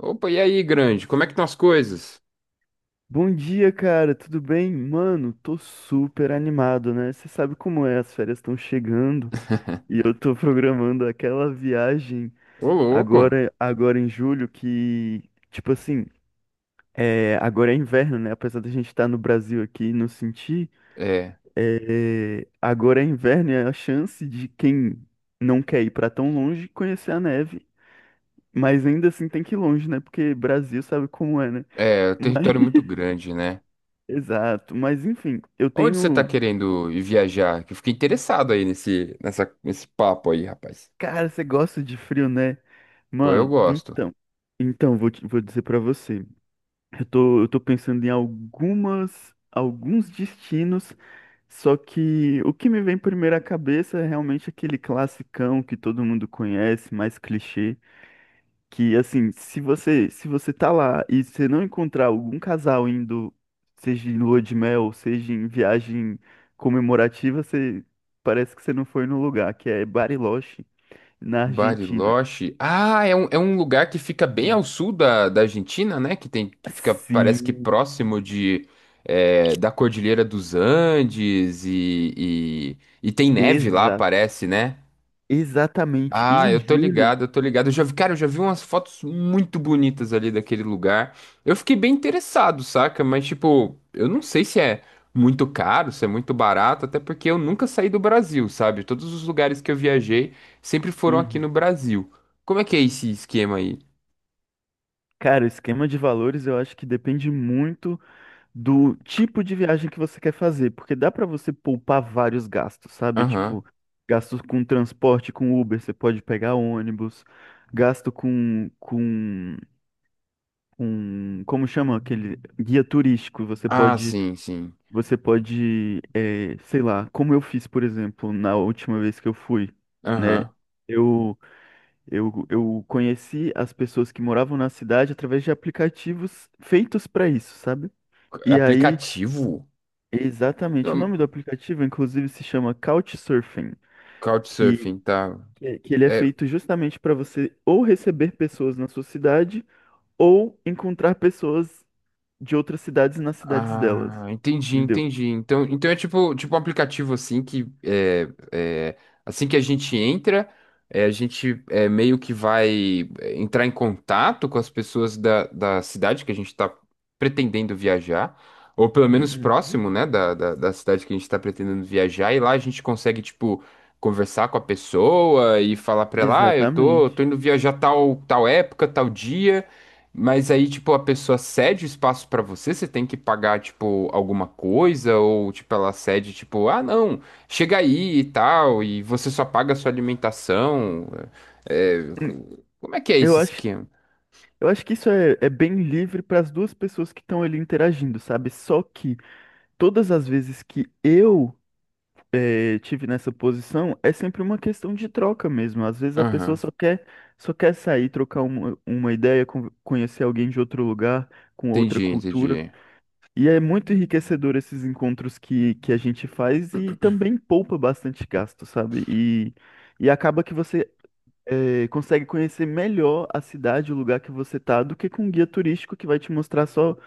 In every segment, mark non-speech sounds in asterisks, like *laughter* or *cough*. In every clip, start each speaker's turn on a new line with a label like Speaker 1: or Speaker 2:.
Speaker 1: Opa, e aí, grande? Como é que estão as coisas?
Speaker 2: Bom dia, cara, tudo bem? Mano, tô super animado, né? Você sabe como é, as férias estão chegando e
Speaker 1: *laughs*
Speaker 2: eu tô *laughs* programando aquela viagem
Speaker 1: Ô, louco.
Speaker 2: agora em julho que, tipo assim, agora é inverno, né? Apesar da gente estar no Brasil aqui e não sentir,
Speaker 1: É,
Speaker 2: agora é inverno e é a chance de quem não quer ir pra tão longe conhecer a neve, mas ainda assim tem que ir longe, né? Porque Brasil sabe como é, né?
Speaker 1: é, o
Speaker 2: Mas-
Speaker 1: território é muito
Speaker 2: *laughs*
Speaker 1: grande, né?
Speaker 2: exato, mas enfim, eu
Speaker 1: Onde você tá
Speaker 2: tenho.
Speaker 1: querendo ir viajar? Que eu fiquei interessado aí nesse papo aí, rapaz.
Speaker 2: Cara, você gosta de frio, né?
Speaker 1: Pô, eu
Speaker 2: Mano,
Speaker 1: gosto.
Speaker 2: então. Então, vou dizer pra você. Eu tô pensando em algumas, alguns destinos, só que o que me vem primeiro à cabeça é realmente aquele classicão que todo mundo conhece, mais clichê, que assim, se você tá lá e você não encontrar algum casal indo, seja em lua de mel, seja em viagem comemorativa, você parece que você não foi no lugar, que é Bariloche, na Argentina.
Speaker 1: Bariloche. Ah, é um lugar que fica bem
Speaker 2: Hum.
Speaker 1: ao sul da Argentina, né? Que tem, que fica, parece que
Speaker 2: Sim,
Speaker 1: próximo da Cordilheira dos Andes e tem neve lá,
Speaker 2: exa
Speaker 1: parece, né?
Speaker 2: exatamente. E
Speaker 1: Ah, eu
Speaker 2: em
Speaker 1: tô
Speaker 2: julho,
Speaker 1: ligado, eu tô ligado. Eu já vi, cara, eu já vi umas fotos muito bonitas ali daquele lugar. Eu fiquei bem interessado, saca? Mas, tipo, eu não sei se é muito caro, se é muito barato, até porque eu nunca saí do Brasil, sabe? Todos os lugares que eu viajei sempre foram aqui no
Speaker 2: uhum,
Speaker 1: Brasil. Como é que é esse esquema aí?
Speaker 2: cara, o esquema de valores eu acho que depende muito do tipo de viagem que você quer fazer, porque dá pra você poupar vários gastos, sabe?
Speaker 1: Aham.
Speaker 2: Tipo, gastos com transporte, com Uber, você pode pegar ônibus, gasto como chama aquele guia turístico, você
Speaker 1: Ah,
Speaker 2: pode,
Speaker 1: sim, sim.
Speaker 2: sei lá, como eu fiz, por exemplo, na última vez que eu fui, né?
Speaker 1: Aham.
Speaker 2: Eu eu conheci as pessoas que moravam na cidade através de aplicativos feitos para isso, sabe? E aí,
Speaker 1: Aplicativo?
Speaker 2: exatamente, o
Speaker 1: Não,
Speaker 2: nome do aplicativo, inclusive, se chama Couchsurfing, que,
Speaker 1: Couchsurfing, tá.
Speaker 2: que ele é
Speaker 1: É,
Speaker 2: feito justamente para você ou receber pessoas na sua cidade ou encontrar pessoas de outras cidades nas cidades delas,
Speaker 1: ah, entendi,
Speaker 2: entendeu?
Speaker 1: entendi. Então, é tipo um aplicativo assim que assim que a gente entra, a gente meio que vai entrar em contato com as pessoas da cidade que a gente está pretendendo viajar, ou pelo menos
Speaker 2: Uhum.
Speaker 1: próximo, né, da cidade que a gente está pretendendo viajar, e lá a gente consegue, tipo, conversar com a pessoa e falar para ela, ah, eu tô
Speaker 2: Exatamente.
Speaker 1: indo viajar tal, tal época, tal dia. Mas aí, tipo, a pessoa cede o espaço pra você, você tem que pagar, tipo, alguma coisa, ou, tipo, ela cede, tipo, ah, não, chega aí e tal, e você só paga a sua alimentação. É, é,
Speaker 2: Hum.
Speaker 1: como é que é
Speaker 2: Eu
Speaker 1: esse
Speaker 2: acho,
Speaker 1: esquema?
Speaker 2: eu acho que isso é, é bem livre para as duas pessoas que estão ali interagindo, sabe? Só que todas as vezes que eu tive nessa posição, é sempre uma questão de troca mesmo. Às vezes a pessoa
Speaker 1: Aham,
Speaker 2: só quer sair, trocar uma ideia, conhecer alguém de outro lugar, com outra
Speaker 1: entendi,
Speaker 2: cultura.
Speaker 1: entendi.
Speaker 2: E é muito enriquecedor esses encontros que a gente faz e também poupa bastante gasto, sabe? E acaba que você consegue conhecer melhor a cidade, o lugar que você tá, do que com um guia turístico que vai te mostrar só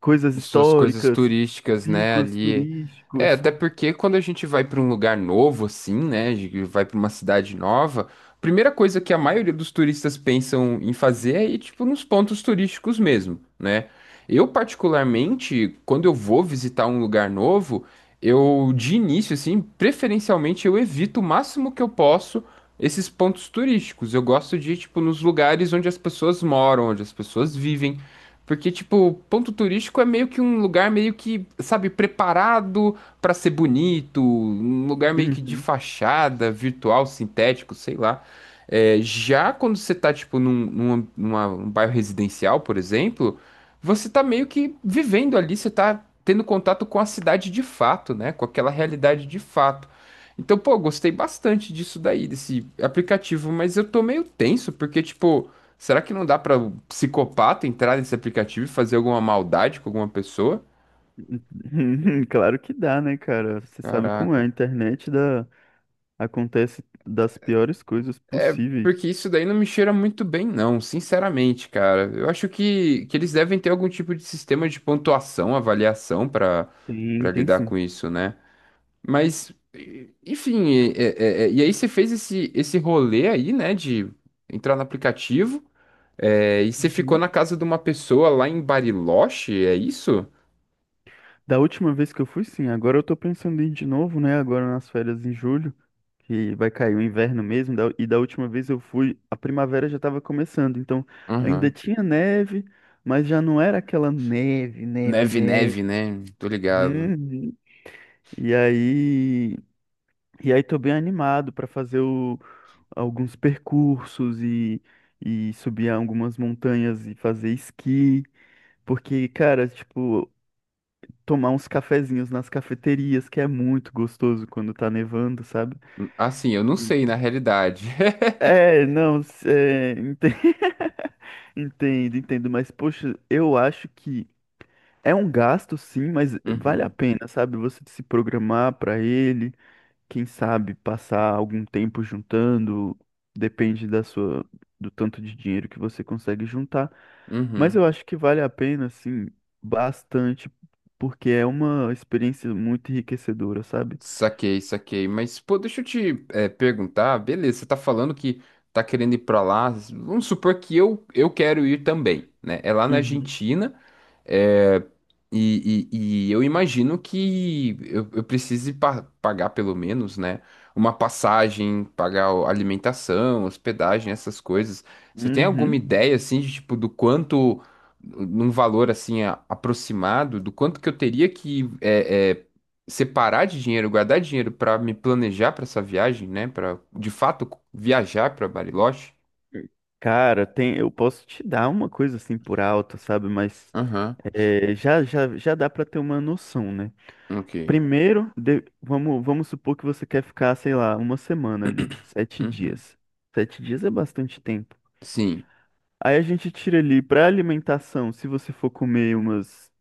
Speaker 2: coisas
Speaker 1: Suas coisas
Speaker 2: históricas,
Speaker 1: turísticas, né,
Speaker 2: picos
Speaker 1: ali. É,
Speaker 2: turísticos.
Speaker 1: até porque quando a gente vai para um lugar novo assim, né, a gente vai para uma cidade nova, a primeira coisa que a maioria dos turistas pensam em fazer é ir tipo nos pontos turísticos mesmo, né? Eu particularmente, quando eu vou visitar um lugar novo, eu de início assim, preferencialmente eu evito o máximo que eu posso esses pontos turísticos. Eu gosto de ir tipo nos lugares onde as pessoas moram, onde as pessoas vivem porque, tipo, ponto turístico é meio que um lugar meio que, sabe, preparado pra ser bonito, um lugar meio que de
Speaker 2: Uhum.
Speaker 1: fachada, virtual, sintético, sei lá. É, já quando você tá, tipo, um bairro residencial, por exemplo, você tá meio que vivendo ali, você tá tendo contato com a cidade de fato, né? Com aquela realidade de fato. Então, pô, gostei bastante disso daí, desse aplicativo, mas eu tô meio tenso, porque, tipo. Será que não dá pra o psicopata entrar nesse aplicativo e fazer alguma maldade com alguma pessoa?
Speaker 2: *laughs* Claro que dá, né, cara? Você sabe como é, a
Speaker 1: Caraca.
Speaker 2: internet dá, acontece das piores coisas possíveis.
Speaker 1: Porque isso daí não me cheira muito bem, não, sinceramente, cara. Eu acho que eles devem ter algum tipo de sistema de pontuação, avaliação pra
Speaker 2: Tem,
Speaker 1: para
Speaker 2: tem
Speaker 1: lidar
Speaker 2: sim.
Speaker 1: com isso, né? Mas, enfim, e aí você fez esse rolê aí, né, de entrar no aplicativo, e você ficou
Speaker 2: Uhum.
Speaker 1: na casa de uma pessoa lá em Bariloche, é isso?
Speaker 2: Da última vez que eu fui, sim. Agora eu tô pensando em ir de novo, né? Agora nas férias em julho, que vai cair o inverno mesmo. E da última vez eu fui, a primavera já tava começando. Então ainda
Speaker 1: Aham.
Speaker 2: tinha neve, mas já não era aquela neve, neve,
Speaker 1: Neve,
Speaker 2: neve.
Speaker 1: neve, né? Tô ligado.
Speaker 2: Uhum. E aí, tô bem animado pra fazer o alguns percursos e subir algumas montanhas e fazer esqui, porque, cara, tipo, tomar uns cafezinhos nas cafeterias, que é muito gostoso quando tá nevando, sabe?
Speaker 1: Assim, eu não
Speaker 2: E-
Speaker 1: sei, na realidade. *laughs*
Speaker 2: Não, *laughs* entendo, entendo, mas, poxa, eu acho que é um gasto, sim, mas vale a
Speaker 1: Uhum,
Speaker 2: pena, sabe? Você se programar pra ele. Quem sabe, passar algum tempo juntando, depende da sua, do tanto de dinheiro que você consegue juntar. Mas
Speaker 1: uhum.
Speaker 2: eu acho que vale a pena, assim, bastante, porque é uma experiência muito enriquecedora, sabe?
Speaker 1: Saquei, saquei. Mas, pô, deixa eu te perguntar. Beleza, você tá falando que tá querendo ir pra lá. Vamos supor que eu quero ir também, né? É lá na
Speaker 2: Uhum.
Speaker 1: Argentina. É, e eu imagino que eu precise pagar pelo menos, né, uma passagem, pagar alimentação, hospedagem, essas coisas. Você tem alguma
Speaker 2: Uhum.
Speaker 1: ideia, assim, de, tipo, do quanto, num valor, assim, aproximado, do quanto que eu teria que separar de dinheiro, guardar dinheiro para me planejar para essa viagem, né, para, de fato, viajar para Bariloche?
Speaker 2: Cara, eu posso te dar uma coisa assim por alto, sabe? Mas
Speaker 1: Aham,
Speaker 2: já dá pra ter uma noção, né?
Speaker 1: ok.
Speaker 2: Primeiro, vamos supor que você quer ficar, sei lá, uma semana ali, sete
Speaker 1: Uhum.
Speaker 2: dias. 7 dias é bastante tempo.
Speaker 1: Sim,
Speaker 2: Aí a gente tira ali para alimentação, se você for comer umas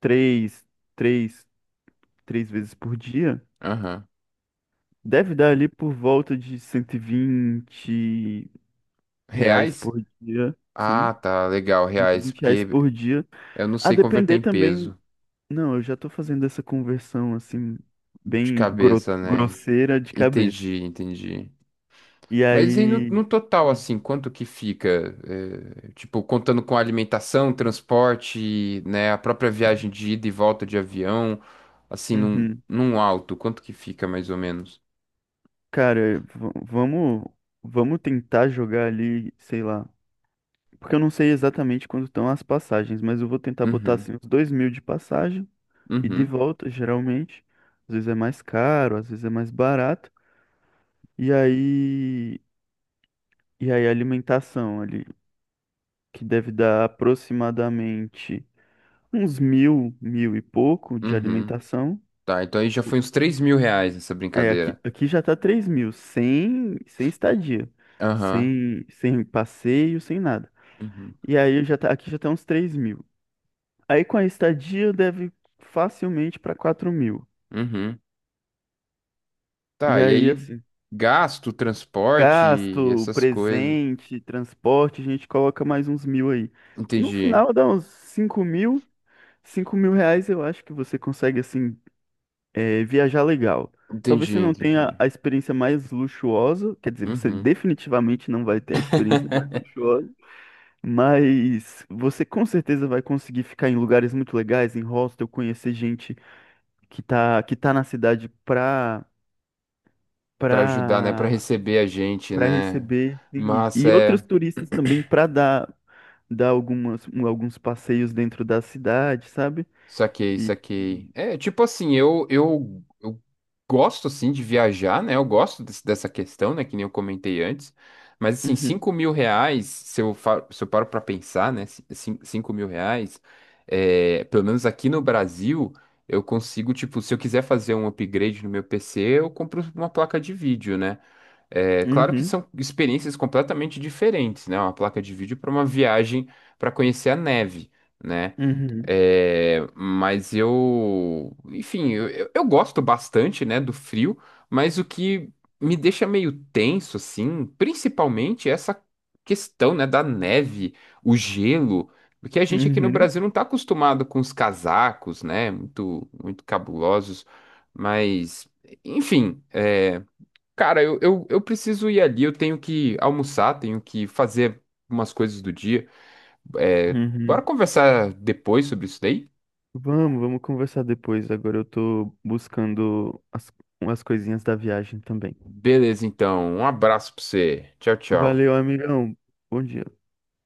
Speaker 2: três, três, 3 vezes por dia,
Speaker 1: aham.
Speaker 2: deve dar ali por volta de 120 reais
Speaker 1: Reais?
Speaker 2: por dia, sim,
Speaker 1: Ah, tá, legal,
Speaker 2: cento e
Speaker 1: reais,
Speaker 2: vinte reais
Speaker 1: porque
Speaker 2: por dia.
Speaker 1: eu não
Speaker 2: A
Speaker 1: sei converter
Speaker 2: depender
Speaker 1: em
Speaker 2: também,
Speaker 1: peso
Speaker 2: não, eu já tô fazendo essa conversão assim
Speaker 1: de
Speaker 2: bem
Speaker 1: cabeça, né?
Speaker 2: grosseira de cabeça.
Speaker 1: Entendi, entendi.
Speaker 2: E
Speaker 1: Mas e no,
Speaker 2: aí,
Speaker 1: no total,
Speaker 2: hum,
Speaker 1: assim, quanto que fica? Tipo, contando com alimentação, transporte, né? A própria viagem de ida e volta de avião, assim, num,
Speaker 2: uhum,
Speaker 1: num alto, quanto que fica mais ou menos?
Speaker 2: cara, vamos vamos tentar jogar ali, sei lá. Porque eu não sei exatamente quanto estão as passagens, mas eu vou tentar botar
Speaker 1: Uhum,
Speaker 2: assim uns 2 mil de passagem e de
Speaker 1: uhum,
Speaker 2: volta, geralmente. Às vezes é mais caro, às vezes é mais barato. E aí, a alimentação ali, que deve dar aproximadamente uns mil, mil e pouco de
Speaker 1: uhum.
Speaker 2: alimentação.
Speaker 1: Tá, então aí já foi uns R$ 3.000 essa
Speaker 2: É,
Speaker 1: brincadeira.
Speaker 2: aqui já tá 3 mil, sem estadia,
Speaker 1: Aham,
Speaker 2: sem passeio, sem nada.
Speaker 1: uhum,
Speaker 2: E aí já tá, aqui já tá uns 3 mil. Aí com a estadia deve facilmente para 4 mil.
Speaker 1: uhum.
Speaker 2: E
Speaker 1: Tá, e
Speaker 2: aí,
Speaker 1: aí
Speaker 2: assim,
Speaker 1: gasto, transporte e
Speaker 2: gasto,
Speaker 1: essas coisas.
Speaker 2: presente, transporte, a gente coloca mais uns mil aí. No
Speaker 1: Entendi.
Speaker 2: final dá uns 5 mil. 5 mil reais eu acho que você consegue, assim, viajar legal. Talvez
Speaker 1: Entendi,
Speaker 2: você não tenha
Speaker 1: entendi.
Speaker 2: a experiência mais luxuosa, quer dizer, você
Speaker 1: Uhum.
Speaker 2: definitivamente não vai ter a experiência mais
Speaker 1: *laughs*
Speaker 2: luxuosa, mas você com certeza vai conseguir ficar em lugares muito legais, em hostel, conhecer gente que tá na cidade pra
Speaker 1: Para ajudar, né? Para
Speaker 2: para
Speaker 1: receber a gente,
Speaker 2: para
Speaker 1: né?
Speaker 2: receber
Speaker 1: Mas
Speaker 2: e outros
Speaker 1: é.
Speaker 2: turistas também para dar algumas alguns passeios dentro da cidade, sabe?
Speaker 1: Saquei,
Speaker 2: E
Speaker 1: saquei. É, tipo assim, eu gosto, assim, de viajar, né? Eu gosto dessa questão, né? Que nem eu comentei antes. Mas, assim,
Speaker 2: uhum,
Speaker 1: R$ 5.000, se eu paro pra pensar, né? 5 mil reais, pelo menos aqui no Brasil, eu consigo, tipo, se eu quiser fazer um upgrade no meu PC, eu compro uma placa de vídeo, né? É, claro que
Speaker 2: uhum,
Speaker 1: são experiências completamente diferentes, né? Uma placa de vídeo para uma viagem para conhecer a neve, né?
Speaker 2: uhum,
Speaker 1: É, mas eu, enfim, eu gosto bastante, né, do frio, mas o que me deixa meio tenso, assim, principalmente é essa questão, né, da neve, o gelo, porque a gente aqui no
Speaker 2: uhum,
Speaker 1: Brasil não está acostumado com os casacos, né, muito, muito cabulosos, mas, enfim. Cara, eu preciso ir ali, eu tenho que almoçar, tenho que fazer umas coisas do dia. É,
Speaker 2: uhum.
Speaker 1: bora conversar depois sobre isso daí?
Speaker 2: Vamos conversar depois. Agora eu tô buscando as, coisinhas da viagem também.
Speaker 1: Beleza, então. Um abraço pra você. Tchau, tchau.
Speaker 2: Valeu, amigão. Bom dia.